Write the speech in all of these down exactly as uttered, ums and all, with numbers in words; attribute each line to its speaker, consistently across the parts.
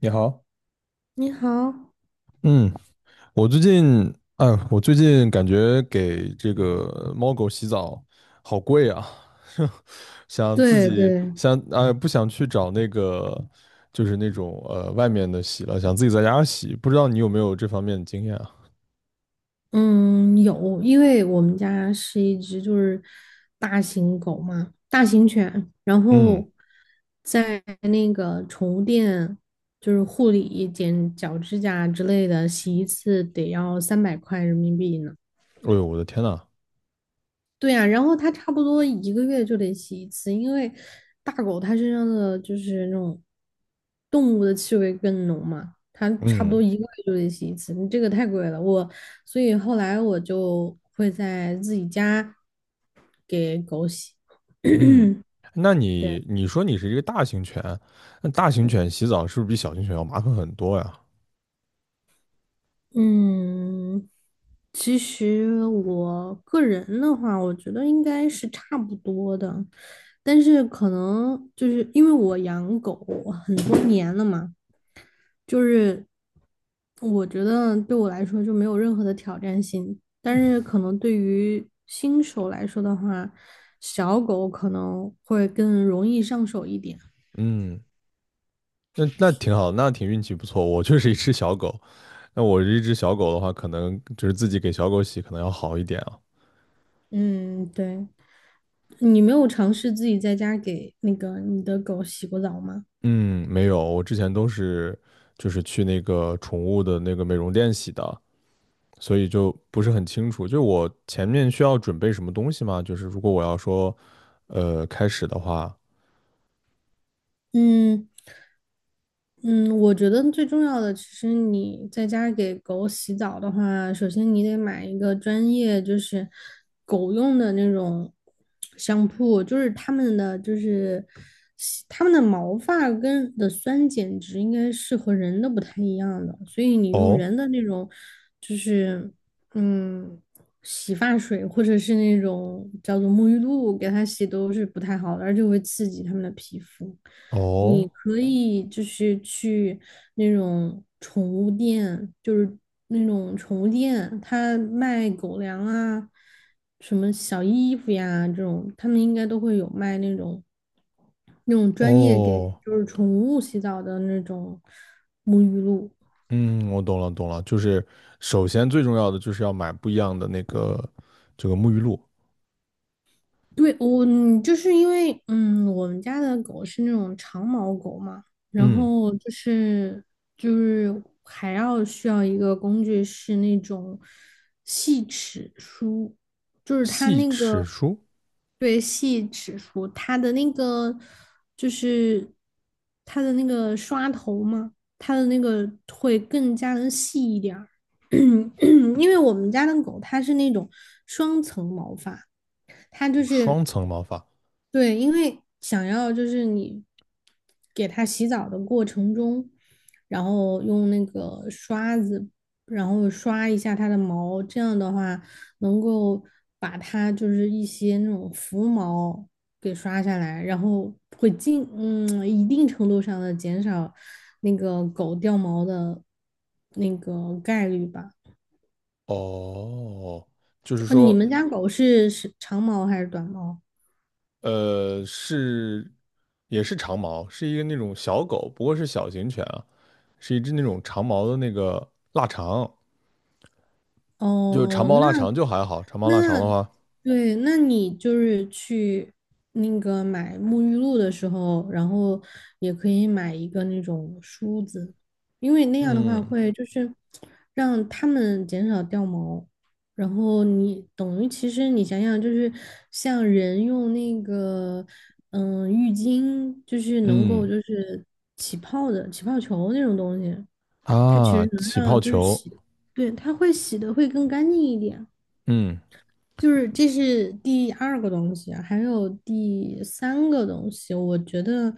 Speaker 1: 你好。
Speaker 2: 你好，
Speaker 1: 嗯。我最近，哎，我最近感觉给这个猫狗洗澡好贵啊。想自
Speaker 2: 对
Speaker 1: 己
Speaker 2: 对，
Speaker 1: 想，哎，不想去找那个，就是那种呃外面的洗了，想自己在家洗，不知道你有没有这方面的经验啊？
Speaker 2: 嗯，有，因为我们家是一只就是大型狗嘛，大型犬，然
Speaker 1: 嗯。
Speaker 2: 后在那个宠物店就是护理、剪脚趾甲之类的，洗一次得要三百块人民币呢。
Speaker 1: 哎呦，我的天呐。
Speaker 2: 对呀、然后它差不多一个月就得洗一次，因为大狗它身上的就是那种动物的气味更浓嘛，它差不多
Speaker 1: 嗯，
Speaker 2: 一个月就得洗一次，你这个太贵了。我所以后来我就会在自己家给狗洗。
Speaker 1: 嗯。那
Speaker 2: 对，
Speaker 1: 你你说你是一个大型犬，那大型犬洗澡是不是比小型犬要麻烦很多呀？
Speaker 2: 嗯，其实我个人的话，我觉得应该是差不多的，但是可能就是因为我养狗很多年了嘛。就是我觉得对我来说就没有任何的挑战性，但是可能对于新手来说的话，小狗可能会更容易上手一点。
Speaker 1: 嗯。那那挺好，那挺运气不错，我就是一只小狗。那我这一只小狗的话，可能就是自己给小狗洗，可能要好一点啊。
Speaker 2: 嗯，对，你没有尝试自己在家给那个你的狗洗过澡吗？
Speaker 1: 嗯，没有，我之前都是就是去那个宠物的那个美容店洗的，所以就不是很清楚。就我前面需要准备什么东西吗？就是如果我要说，呃，开始的话。
Speaker 2: 嗯。嗯，我觉得最重要的，其实你在家给狗洗澡的话，首先你得买一个专业，就是狗用的那种香铺，就是他们的，就是他们的毛发跟的酸碱值应该是和人的不太一样的，所以你用
Speaker 1: 哦，
Speaker 2: 人的那种，就是嗯，洗发水或者是那种叫做沐浴露给它洗都是不太好的，而且会刺激它们的皮肤。你
Speaker 1: 哦，
Speaker 2: 可以就是去那种宠物店，就是那种宠物店，它卖狗粮啊，什么小衣服呀这种，他们应该都会有卖那种那种专业给
Speaker 1: 哦。
Speaker 2: 就是宠物洗澡的那种沐浴露。
Speaker 1: 嗯，我懂了懂了，就是首先最重要的就是要买不一样的那个这个沐浴露。
Speaker 2: 对，我嗯就是因为嗯，我们家的狗是那种长毛狗嘛，然
Speaker 1: 嗯。
Speaker 2: 后就是就是还要需要一个工具是那种细齿梳，就是它
Speaker 1: 细
Speaker 2: 那
Speaker 1: 齿
Speaker 2: 个
Speaker 1: 梳。
Speaker 2: 对细齿梳，它的那个就是它的那个刷头嘛，它的那个会更加的细一点儿，因为我们家的狗它是那种双层毛发。它就
Speaker 1: 双
Speaker 2: 是
Speaker 1: 层毛发。
Speaker 2: 对，因为想要就是你给它洗澡的过程中，然后用那个刷子，然后刷一下它的毛，这样的话能够把它就是一些那种浮毛给刷下来，然后会尽嗯一定程度上的减少那个狗掉毛的那个概率吧。
Speaker 1: 哦，就是
Speaker 2: 呃，你
Speaker 1: 说，
Speaker 2: 们家狗是是长毛还是短毛？
Speaker 1: 呃，是也是长毛，是一个那种小狗，不过是小型犬啊，是一只那种长毛的那个腊肠，就长
Speaker 2: 哦，
Speaker 1: 毛
Speaker 2: 那
Speaker 1: 腊肠就还好，长毛腊肠的
Speaker 2: 那
Speaker 1: 话。
Speaker 2: 对，那你就是去那个买沐浴露的时候，然后也可以买一个那种梳子，因为那样的话
Speaker 1: 嗯，
Speaker 2: 会就是让它们减少掉毛。然后你等于其实你想想，就是像人用那个嗯浴巾，就是能够
Speaker 1: 嗯，
Speaker 2: 就是起泡的起泡球那种东西。它其
Speaker 1: 啊，
Speaker 2: 实能
Speaker 1: 起泡
Speaker 2: 让就是
Speaker 1: 球。
Speaker 2: 洗，对，它会洗的会更干净一点。
Speaker 1: 嗯，
Speaker 2: 就是这是第二个东西啊还有第三个东西，我觉得，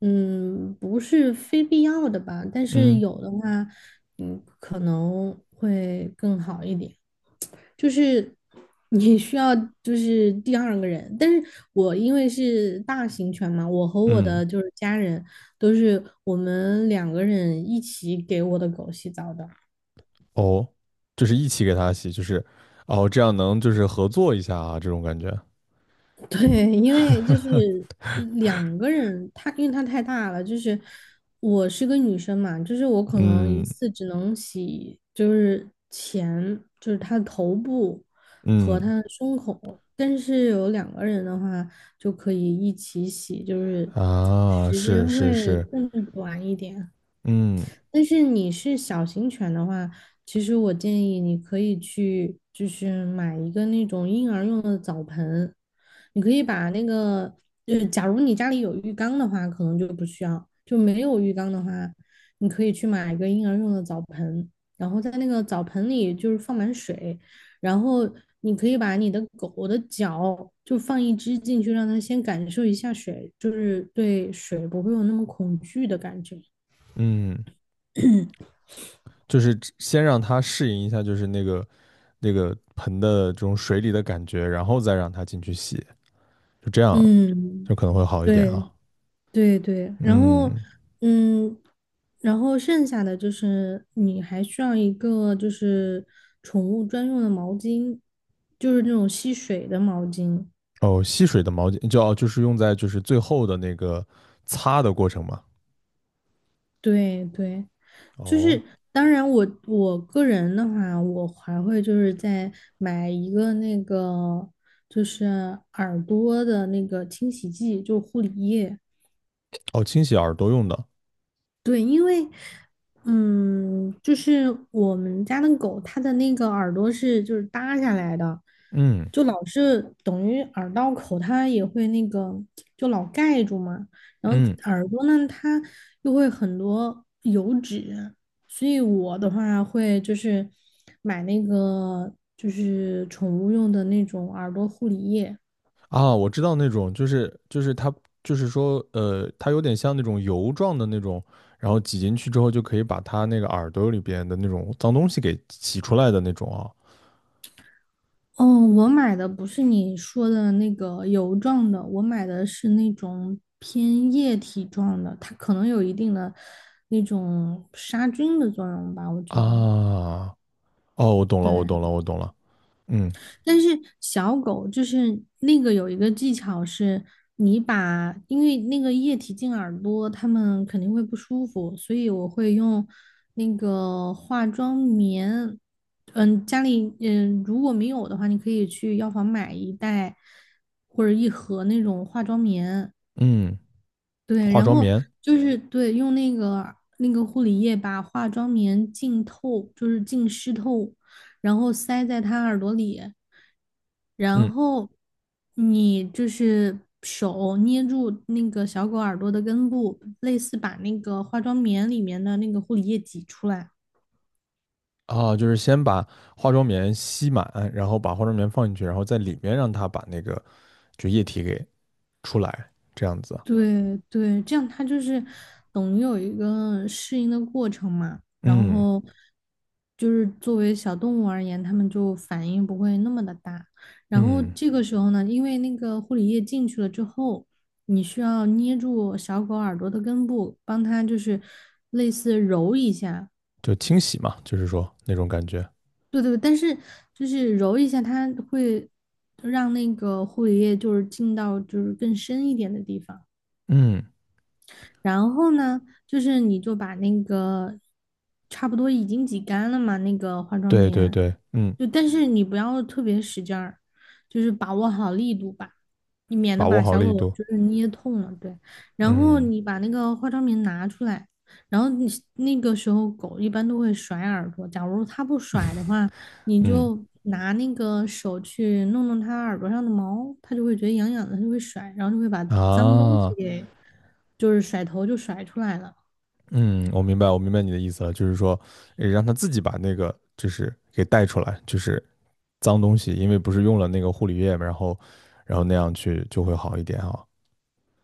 Speaker 2: 嗯，不是非必要的吧，但是
Speaker 1: 嗯，
Speaker 2: 有的话，嗯，可能会更好一点。就是你需要就是第二个人，但是我因为是大型犬嘛，我和我
Speaker 1: 嗯。
Speaker 2: 的就是家人都是我们两个人一起给我的狗洗澡的。
Speaker 1: 哦，就是一起给它洗，就是哦，这样能就是合作一下啊，这种感觉。
Speaker 2: 对，因为就是呃两个人，他因为他太大了，就是我是个女生嘛，就是我可能一
Speaker 1: 嗯，
Speaker 2: 次只能洗，就是前，就是他的头部和他
Speaker 1: 嗯，
Speaker 2: 的胸口，但是有两个人的话就可以一起洗，就是
Speaker 1: 啊，
Speaker 2: 时
Speaker 1: 是
Speaker 2: 间
Speaker 1: 是
Speaker 2: 会
Speaker 1: 是。
Speaker 2: 更短一点。
Speaker 1: 嗯，
Speaker 2: 但是你是小型犬的话，其实我建议你可以去，就是买一个那种婴儿用的澡盆，你可以把那个，就是假如你家里有浴缸的话，可能就不需要；就没有浴缸的话，你可以去买一个婴儿用的澡盆，然后在那个澡盆里就是放满水，然后你可以把你的狗的脚就放一只进去，让它先感受一下水，就是对水不会有那么恐惧的感觉。
Speaker 1: 嗯。就是先让它适应一下，就是那个那个盆的这种水里的感觉，然后再让它进去洗，就这样
Speaker 2: 嗯。
Speaker 1: 就可能会好一点
Speaker 2: 对
Speaker 1: 哈。
Speaker 2: 对对，然后
Speaker 1: 嗯。
Speaker 2: 嗯，然后剩下的就是你还需要一个就是宠物专用的毛巾，就是那种吸水的毛巾。
Speaker 1: 哦，吸水的毛巾就要就是用在就是最后的那个擦的过程嘛。
Speaker 2: 对对，就
Speaker 1: 哦，
Speaker 2: 是当然我我个人的话，我还会就是再买一个那个就是耳朵的那个清洗剂，就护理液。
Speaker 1: 哦，清洗耳朵用的。
Speaker 2: 对，因为，嗯，就是我们家的狗，它的那个耳朵是就是耷下来的，
Speaker 1: 嗯，
Speaker 2: 就老是等于耳道口，它也会那个就老盖住嘛。然后
Speaker 1: 嗯，
Speaker 2: 耳朵呢，它又会很多油脂，所以我的话会就是买那个就是宠物用的那种耳朵护理液，
Speaker 1: 啊，我知道那种就是就是它就是说呃，它有点像那种油状的那种，然后挤进去之后就可以把它那个耳朵里边的那种脏东西给洗出来的那种啊。
Speaker 2: 哦，我买的不是你说的那个油状的，我买的是那种偏液体状的，它可能有一定的那种杀菌的作用吧，我觉得。
Speaker 1: 啊，哦，我懂了，
Speaker 2: 对，
Speaker 1: 我懂了，我懂了。嗯，
Speaker 2: 但是小狗就是那个有一个技巧是，你把因为那个液体进耳朵，它们肯定会不舒服，所以我会用那个化妆棉。嗯，家里嗯如果没有的话，你可以去药房买一袋或者一盒那种化妆棉，
Speaker 1: 嗯，
Speaker 2: 对，
Speaker 1: 化
Speaker 2: 然
Speaker 1: 妆
Speaker 2: 后
Speaker 1: 棉。
Speaker 2: 就是对，用那个那个护理液把化妆棉浸透，就是浸湿透，然后塞在他耳朵里，然
Speaker 1: 嗯，
Speaker 2: 后你就是手捏住那个小狗耳朵的根部，类似把那个化妆棉里面的那个护理液挤出来。
Speaker 1: 啊，就是先把化妆棉吸满，然后把化妆棉放进去，然后在里面让它把那个就液体给出来，这样子。
Speaker 2: 对对，这样它就是等于有一个适应的过程嘛，然
Speaker 1: 嗯，
Speaker 2: 后就是作为小动物而言，它们就反应不会那么的大。然后
Speaker 1: 嗯，
Speaker 2: 这个时候呢，因为那个护理液进去了之后，你需要捏住小狗耳朵的根部，帮它就是类似揉一下。
Speaker 1: 就清洗嘛，就是说那种感觉。
Speaker 2: 对对，但是就是揉一下，它会让那个护理液就是进到就是更深一点的地方。
Speaker 1: 嗯，
Speaker 2: 然后呢，就是你就把那个差不多已经挤干了嘛，那个化妆
Speaker 1: 对对
Speaker 2: 棉，
Speaker 1: 对，嗯，
Speaker 2: 就但是你不要特别使劲儿，就是把握好力度吧，你免得
Speaker 1: 把握
Speaker 2: 把
Speaker 1: 好
Speaker 2: 小狗
Speaker 1: 力度。
Speaker 2: 就是捏痛了。对，然后
Speaker 1: 嗯
Speaker 2: 你把那个化妆棉拿出来，然后你那个时候狗一般都会甩耳朵，假如它不甩的话，你
Speaker 1: 嗯，
Speaker 2: 就拿那个手去弄弄它耳朵上的毛，它就会觉得痒痒的，它就会甩，然后就会把脏东西
Speaker 1: 啊。
Speaker 2: 给就是甩头就甩出来了。
Speaker 1: 嗯，我明白，我明白你的意思了，就是说，呃让他自己把那个就是给带出来，就是脏东西，因为不是用了那个护理液嘛，然后，然后那样去就会好一点啊。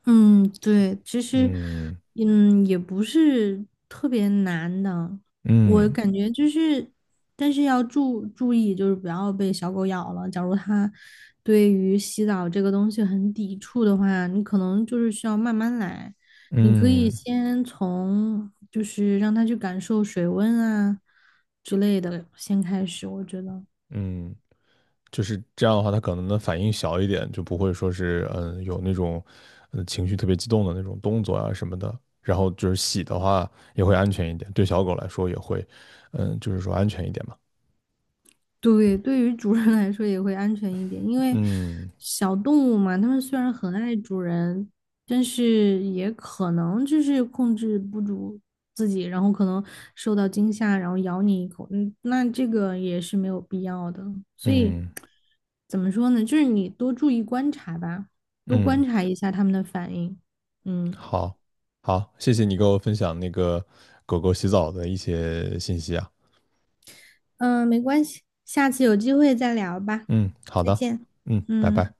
Speaker 2: 嗯，对，其实，
Speaker 1: 嗯，
Speaker 2: 嗯，也不是特别难的，我
Speaker 1: 嗯，
Speaker 2: 感觉就是，但是要注注意，就是不要被小狗咬了。假如它对于洗澡这个东西很抵触的话，你可能就是需要慢慢来。你可以
Speaker 1: 嗯，
Speaker 2: 先从就是让它去感受水温啊之类的先开始，我觉得。
Speaker 1: 嗯。就是这样的话，他可能的反应小一点，就不会说是嗯有那种呃情绪特别激动的那种动作啊什么的。然后就是洗的话也会安全一点，对小狗来说也会，嗯，就是说安全一点嘛。
Speaker 2: 对，对于主人来说也会安全一点，因为
Speaker 1: 嗯，
Speaker 2: 小动物嘛，它们虽然很爱主人，但是也可能就是控制不住自己，然后可能受到惊吓，然后咬你一口，嗯，那这个也是没有必要的。所以
Speaker 1: 嗯，
Speaker 2: 怎么说呢？就是你多注意观察吧，多观
Speaker 1: 嗯。
Speaker 2: 察一下它们的反应。嗯
Speaker 1: 好，好，谢谢你给我分享那个狗狗洗澡的一些信息啊。
Speaker 2: 嗯，没关系，下次有机会再聊吧，
Speaker 1: 嗯，好
Speaker 2: 再
Speaker 1: 的。
Speaker 2: 见。
Speaker 1: 嗯，拜
Speaker 2: 嗯。
Speaker 1: 拜。